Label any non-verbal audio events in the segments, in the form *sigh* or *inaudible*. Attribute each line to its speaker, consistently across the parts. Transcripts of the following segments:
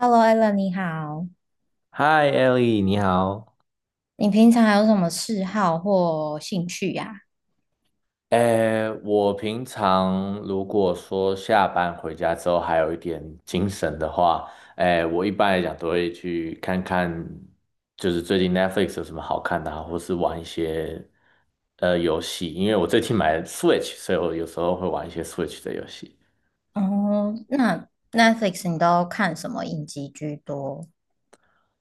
Speaker 1: Hello, Elln 你好。
Speaker 2: 嗨，Ellie，你好。
Speaker 1: 你平常有什么嗜好或兴趣呀？
Speaker 2: 诶，我平常如果说下班回家之后还有一点精神的话，诶，我一般来讲都会去看看，就是最近 Netflix 有什么好看的啊，或是玩一些游戏，因为我最近买了 Switch，所以我有时候会玩一些 Switch 的游戏。
Speaker 1: 哦，那 Netflix 你都看什么影集居多？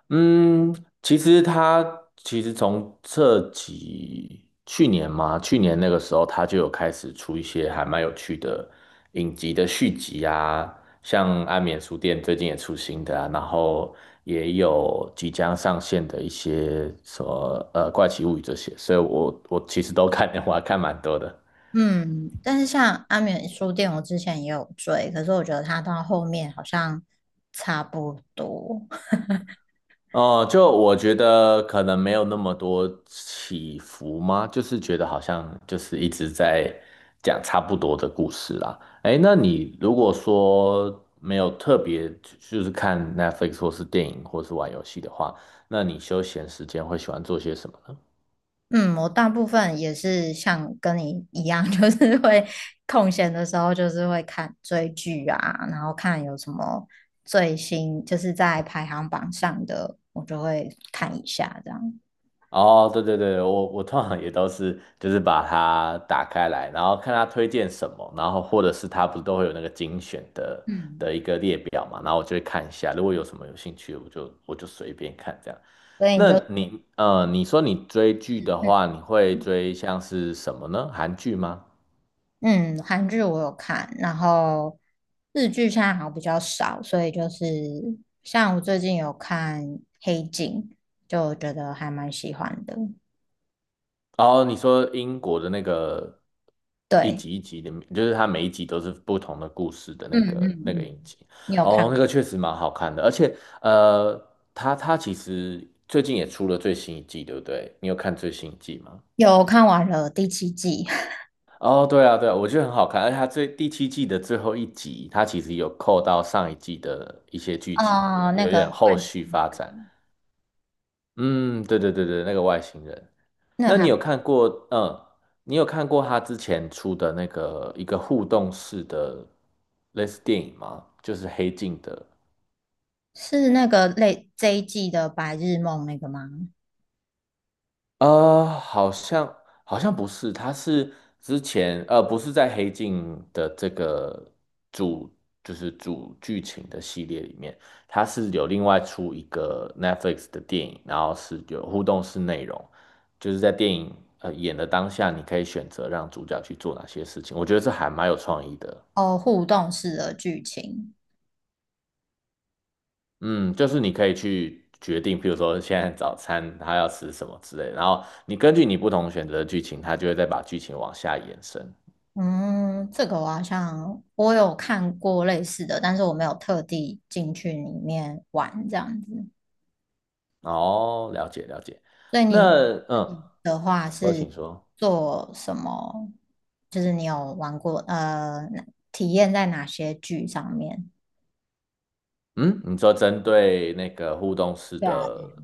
Speaker 2: 嗯，其实他从去年嘛，去年那个时候他就有开始出一些还蛮有趣的影集的续集啊，像《安眠书店》最近也出新的啊，然后也有即将上线的一些什么《怪奇物语》这些，所以我其实都看，*laughs* 我还看蛮多的。
Speaker 1: 嗯，但是像《阿眠书店》，我之前也有追，可是我觉得它到后面好像差不多。*laughs*
Speaker 2: 哦，就我觉得可能没有那么多起伏吗？就是觉得好像就是一直在讲差不多的故事啦。哎，那你如果说没有特别就是看 Netflix 或是电影或是玩游戏的话，那你休闲时间会喜欢做些什么呢？
Speaker 1: 嗯，我大部分也是像跟你一样，*laughs* 就是会空闲的时候，就是会看追剧啊，然后看有什么最新，就是在排行榜上的，我就会看一下这样。
Speaker 2: 哦，对对对，我通常也都是就是把它打开来，然后看它推荐什么，然后或者是它不是都会有那个精选的
Speaker 1: 嗯，
Speaker 2: 的一个列表嘛，然后我就会看一下，如果有什么有兴趣，我就随便看这样。
Speaker 1: 所以你就
Speaker 2: 你说你追剧的话，你会
Speaker 1: 嗯，
Speaker 2: 追像是什么呢？韩剧吗？
Speaker 1: 嗯，韩剧我有看，然后日剧现在好像比较少，所以就是像我最近有看《黑镜》，就觉得还蛮喜欢的。
Speaker 2: 哦，你说英国的那个一
Speaker 1: 对，
Speaker 2: 集一集的，就是它每一集都是不同的故事的
Speaker 1: 嗯
Speaker 2: 那
Speaker 1: 嗯
Speaker 2: 个那个影
Speaker 1: 嗯，
Speaker 2: 集，
Speaker 1: 你有
Speaker 2: 哦，
Speaker 1: 看？
Speaker 2: 那个确实蛮好看的，而且呃，它其实最近也出了最新一季，对不对？你有看最新一季吗？
Speaker 1: 有看完了第7季，
Speaker 2: 哦，对啊，对啊，我觉得很好看，而且它第七季的最后一集，它其实有扣到上一季的一些
Speaker 1: *laughs*
Speaker 2: 剧情，对不
Speaker 1: 啊、
Speaker 2: 对？
Speaker 1: 那
Speaker 2: 有点
Speaker 1: 个
Speaker 2: 后
Speaker 1: 外
Speaker 2: 续
Speaker 1: 星，
Speaker 2: 发展。嗯，对对对对，那个外星人。
Speaker 1: 那
Speaker 2: 那你
Speaker 1: 还
Speaker 2: 有看过，嗯，你有看过他之前出的那个一个互动式的类似电影吗？就是黑镜的，
Speaker 1: 是那个类这一季的白日梦那个吗？
Speaker 2: 呃，好像好像不是，他是之前不是在黑镜的这个主就是主剧情的系列里面，他是有另外出一个 Netflix 的电影，然后是有互动式内容，就是在电影演的当下，你可以选择让主角去做哪些事情，我觉得这还蛮有创意的。
Speaker 1: 哦，互动式的剧情，
Speaker 2: 嗯，就是你可以去决定，譬如说现在早餐他要吃什么之类的，然后你根据你不同选择的剧情，他就会再把剧情往下延伸。
Speaker 1: 嗯，这个我好像我有看过类似的，但是我没有特地进去里面玩这样子。
Speaker 2: 哦，了解了解。
Speaker 1: 所以
Speaker 2: 那
Speaker 1: 你那
Speaker 2: 嗯，
Speaker 1: 个
Speaker 2: 请说，请说。
Speaker 1: 做什么？就是你有玩过哪体验在哪些剧上面？
Speaker 2: 嗯，你说针对那个互动式
Speaker 1: 对啊，对啊
Speaker 2: 的，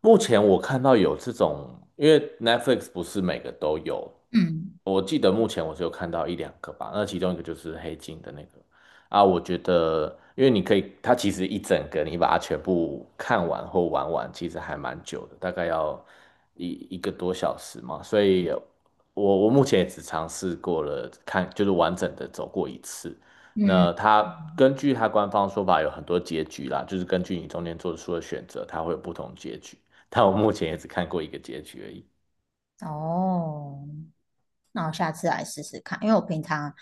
Speaker 2: 目前我看到有这种，因为 Netflix 不是每个都有，
Speaker 1: 嗯
Speaker 2: 我记得目前我只有看到一两个吧，那其中一个就是《黑镜》的那个啊，我觉得因为你可以，它其实一整个你把它全部看完或玩完，其实还蛮久的，大概要一个多小时嘛，所以我目前也只尝试过了看，就是完整的走过一次，
Speaker 1: 嗯。
Speaker 2: 那它
Speaker 1: 嗯
Speaker 2: 根据它官方说法有很多结局啦，就是根据你中间做出的选择，它会有不同结局。但我目前也只看过一个结局而已。
Speaker 1: 哦，那我下次来试试看，因为我平常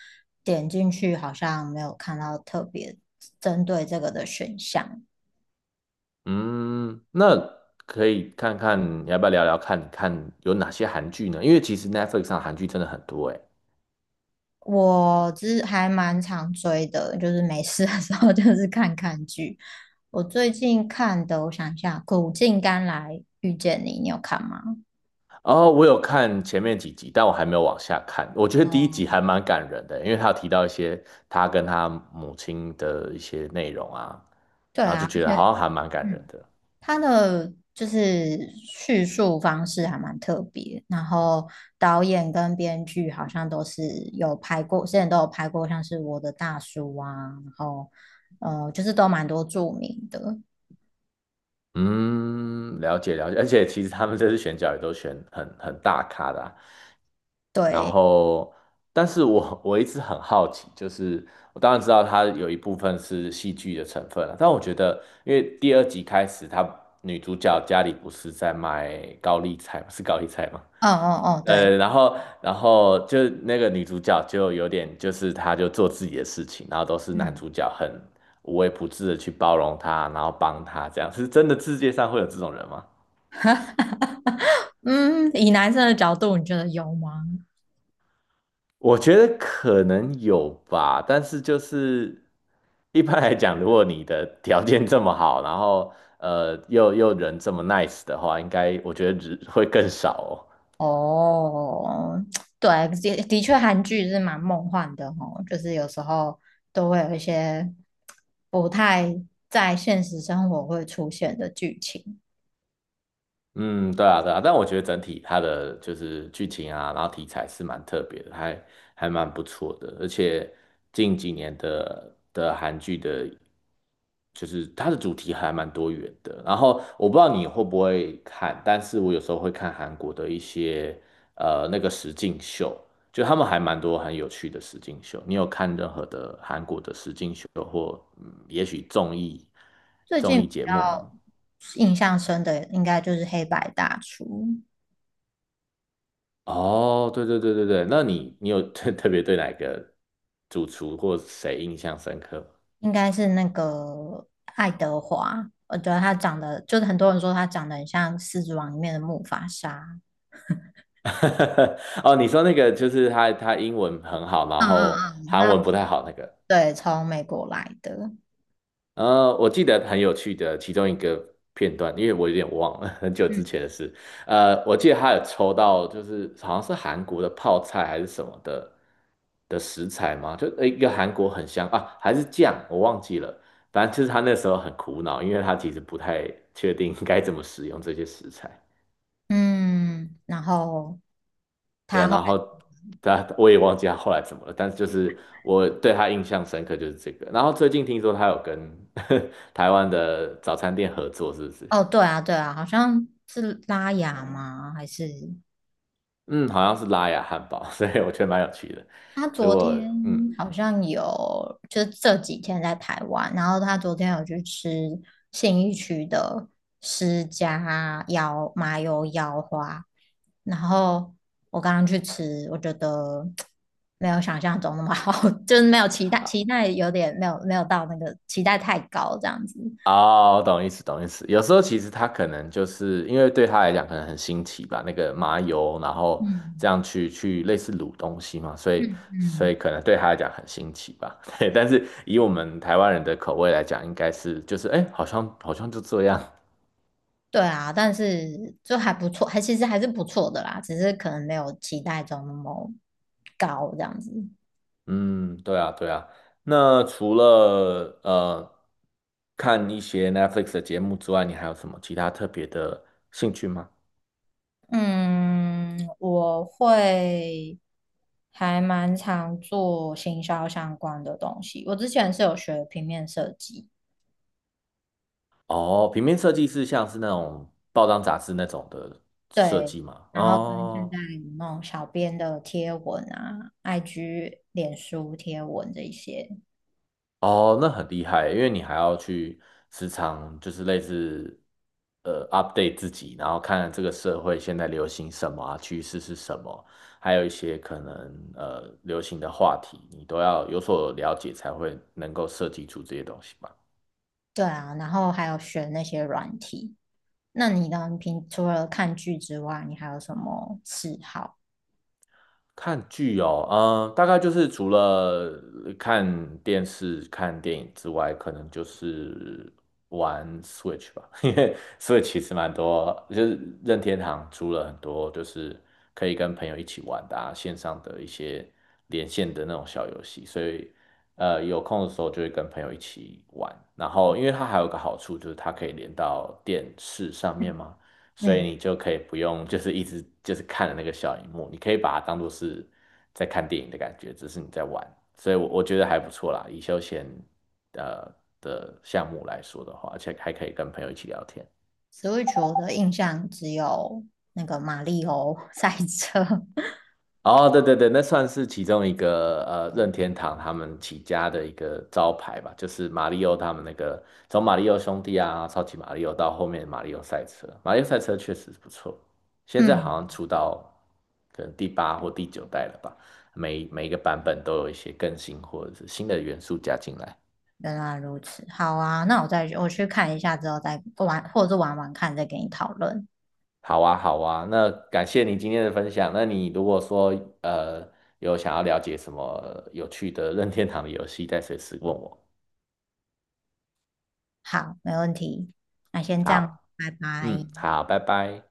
Speaker 1: 点进去好像没有看到特别针对这个的选项。
Speaker 2: 嗯，那可以看看你要不要聊聊看，看有哪些韩剧呢？因为其实 Netflix 上韩剧真的很多诶。
Speaker 1: 我之还蛮常追的，就是没事的时候就是看看剧。我最近看的，我想一下，《苦尽甘来遇见你》，你有看吗？
Speaker 2: 哦，我有看前面几集，但我还没有往下看。我觉得第一集
Speaker 1: 哦，
Speaker 2: 还蛮感人的，因为他有提到一些他跟他母亲的一些内容啊，
Speaker 1: 对
Speaker 2: 然后就
Speaker 1: 啊，而
Speaker 2: 觉得好
Speaker 1: 且
Speaker 2: 像还蛮感人
Speaker 1: 嗯。
Speaker 2: 的。
Speaker 1: 他的就是叙述方式还蛮特别，然后导演跟编剧好像都是有拍过，现在都有拍过，像是我的大叔啊，然后就是都蛮多著名的，
Speaker 2: 嗯，了解了解，而且其实他们这次选角也都选很大咖的啊，然
Speaker 1: 对，
Speaker 2: 后，但是我一直很好奇，就是我当然知道它有一部分是戏剧的成分了，但我觉得，因为第二集开始，女主角家里不是在卖高丽菜吗？是高丽菜吗？
Speaker 1: 哦哦哦，对，
Speaker 2: 呃，然后，然后就那个女主角就有点，就是她就做自己的事情，然后都是男
Speaker 1: 嗯，
Speaker 2: 主角很无微不至的去包容她，然后帮她，这样是真的世界上会有这种人吗？
Speaker 1: *laughs* 嗯，以男生的角度，你觉得有吗？
Speaker 2: 我觉得可能有吧，但是就是一般来讲，如果你的条件这么好，然后又人这么 nice 的话，应该我觉得只会更少哦。
Speaker 1: 哦，*tsk* 对，的确，韩剧是蛮梦幻的哦，就是有时候都会有一些不太在现实生活会出现的剧情。
Speaker 2: 嗯，对啊，对啊，但我觉得整体它的就是剧情啊，然后题材是蛮特别的，还蛮不错的，而且近几年的韩剧的，就是它的主题还蛮多元的。然后我不知道你会不会看，但是我有时候会看韩国的一些那个实境秀，就他们还蛮多很有趣的实境秀。你有看任何的韩国的实境秀或也许综艺
Speaker 1: 最
Speaker 2: 综
Speaker 1: 近
Speaker 2: 艺
Speaker 1: 比
Speaker 2: 节目
Speaker 1: 较
Speaker 2: 吗？
Speaker 1: 印象深的，应该就是《黑白大厨》，
Speaker 2: 哦，对对对对对，那你有 *laughs* 特别对哪个主厨或谁印象深刻吗？
Speaker 1: 应该是那个爱德华，我觉得他长得，就是很多人说他长得很像《狮子王》里面的木法沙。
Speaker 2: *laughs* 哦，你说那个就是他英文很好，然
Speaker 1: 嗯
Speaker 2: 后
Speaker 1: 嗯嗯，
Speaker 2: 韩
Speaker 1: 他
Speaker 2: 文不太好那个。
Speaker 1: 对，从美国来的。
Speaker 2: 我记得很有趣的其中一个片段，因为我有点忘了 *laughs* 很久
Speaker 1: 嗯，
Speaker 2: 之前的事。我记得他有抽到，就是好像是韩国的泡菜还是什么的食材嘛，就一个韩国很香啊，还是酱，我忘记了。反正就是他那时候很苦恼，因为他其实不太确定该怎么使用这些食材。
Speaker 1: 嗯，然后
Speaker 2: 对啊，
Speaker 1: 他后。
Speaker 2: 然后我也忘记他后来怎么了，但是就是我对他印象深刻就是这个。然后最近听说他有跟 *laughs* 台湾的早餐店合作，是不是？
Speaker 1: 哦，对啊，对啊，好像是拉雅吗？还是
Speaker 2: 嗯，好像是拉雅汉堡，*laughs* 所以我觉得蛮有趣的。
Speaker 1: 他
Speaker 2: 如
Speaker 1: 昨
Speaker 2: 果
Speaker 1: 天
Speaker 2: 嗯，
Speaker 1: 好像有，就是这几天在台湾，然后他昨天有去吃信义区的施家腰麻油腰花，然后我刚刚去吃，我觉得没有想象中那么好，*laughs* 就是没有期待，期待有点没有到那个期待太高这样子。
Speaker 2: 哦，我懂意思，懂意思。有时候其实他可能就是因为对他来讲可能很新奇吧，那个麻油，然后这
Speaker 1: 嗯
Speaker 2: 样去类似卤东西嘛，所以
Speaker 1: 嗯
Speaker 2: 所以
Speaker 1: 嗯。
Speaker 2: 可能对他来讲很新奇吧。*laughs* 对，但是以我们台湾人的口味来讲，应该是就是哎，好像就这样。
Speaker 1: 对啊，但是就还不错，还其实还是不错的啦，只是可能没有期待中那么高这样子。
Speaker 2: 嗯，对啊，对啊。那除了看一些 Netflix 的节目之外，你还有什么其他特别的兴趣吗？
Speaker 1: 嗯，我会还蛮常做行销相关的东西。我之前是有学平面设计，
Speaker 2: 哦，平面设计是像是那种报章杂志那种的设
Speaker 1: 对，
Speaker 2: 计吗？
Speaker 1: 然后跟现
Speaker 2: 哦
Speaker 1: 在有那种小编的贴文啊、IG、脸书贴文这一些，
Speaker 2: 哦，那很厉害，因为你还要去时常就是类似update 自己，然后看这个社会现在流行什么啊，趋势是什么，还有一些可能流行的话题，你都要有所了解才会能够设计出这些东西吧。
Speaker 1: 对啊，然后还有学那些软体。那你呢？你平除了看剧之外，你还有什么嗜好？
Speaker 2: 看剧哦，嗯，大概就是除了看电视、看电影之外，可能就是玩 Switch 吧，*laughs* 因为 Switch 其实蛮多，就是任天堂出了很多，就是可以跟朋友一起玩的啊，线上的一些连线的那种小游戏，所以有空的时候就会跟朋友一起玩。然后，因为它还有个好处，就是它可以连到电视上面嘛。所以
Speaker 1: 嗯
Speaker 2: 你就可以不用就是一直就是看着那个小荧幕，你可以把它当做是在看电影的感觉，只是你在玩，所以我觉得还不错啦，以休闲呃的项目来说的话，而且还可以跟朋友一起聊天。
Speaker 1: ，Switch 我的印象只有那个马里欧 *laughs* 赛车。*laughs*
Speaker 2: 哦，对对对，那算是其中一个任天堂他们起家的一个招牌吧，就是马里奥他们那个从马里奥兄弟啊，超级马里奥到后面马里奥赛车，马里奥赛车确实不错，现在好
Speaker 1: 嗯，
Speaker 2: 像出到可能第八或第九代了吧，每一个版本都有一些更新或者是新的元素加进来。
Speaker 1: 原来如此。好啊，那我再我去看一下之后再玩，或者是玩玩看，再给你讨论。
Speaker 2: 好啊，好啊，那感谢你今天的分享。那你如果说呃有想要了解什么有趣的任天堂的游戏，再随时问我。
Speaker 1: 好，没问题。那先这样，
Speaker 2: 好。
Speaker 1: 拜拜。
Speaker 2: 嗯，好，拜拜。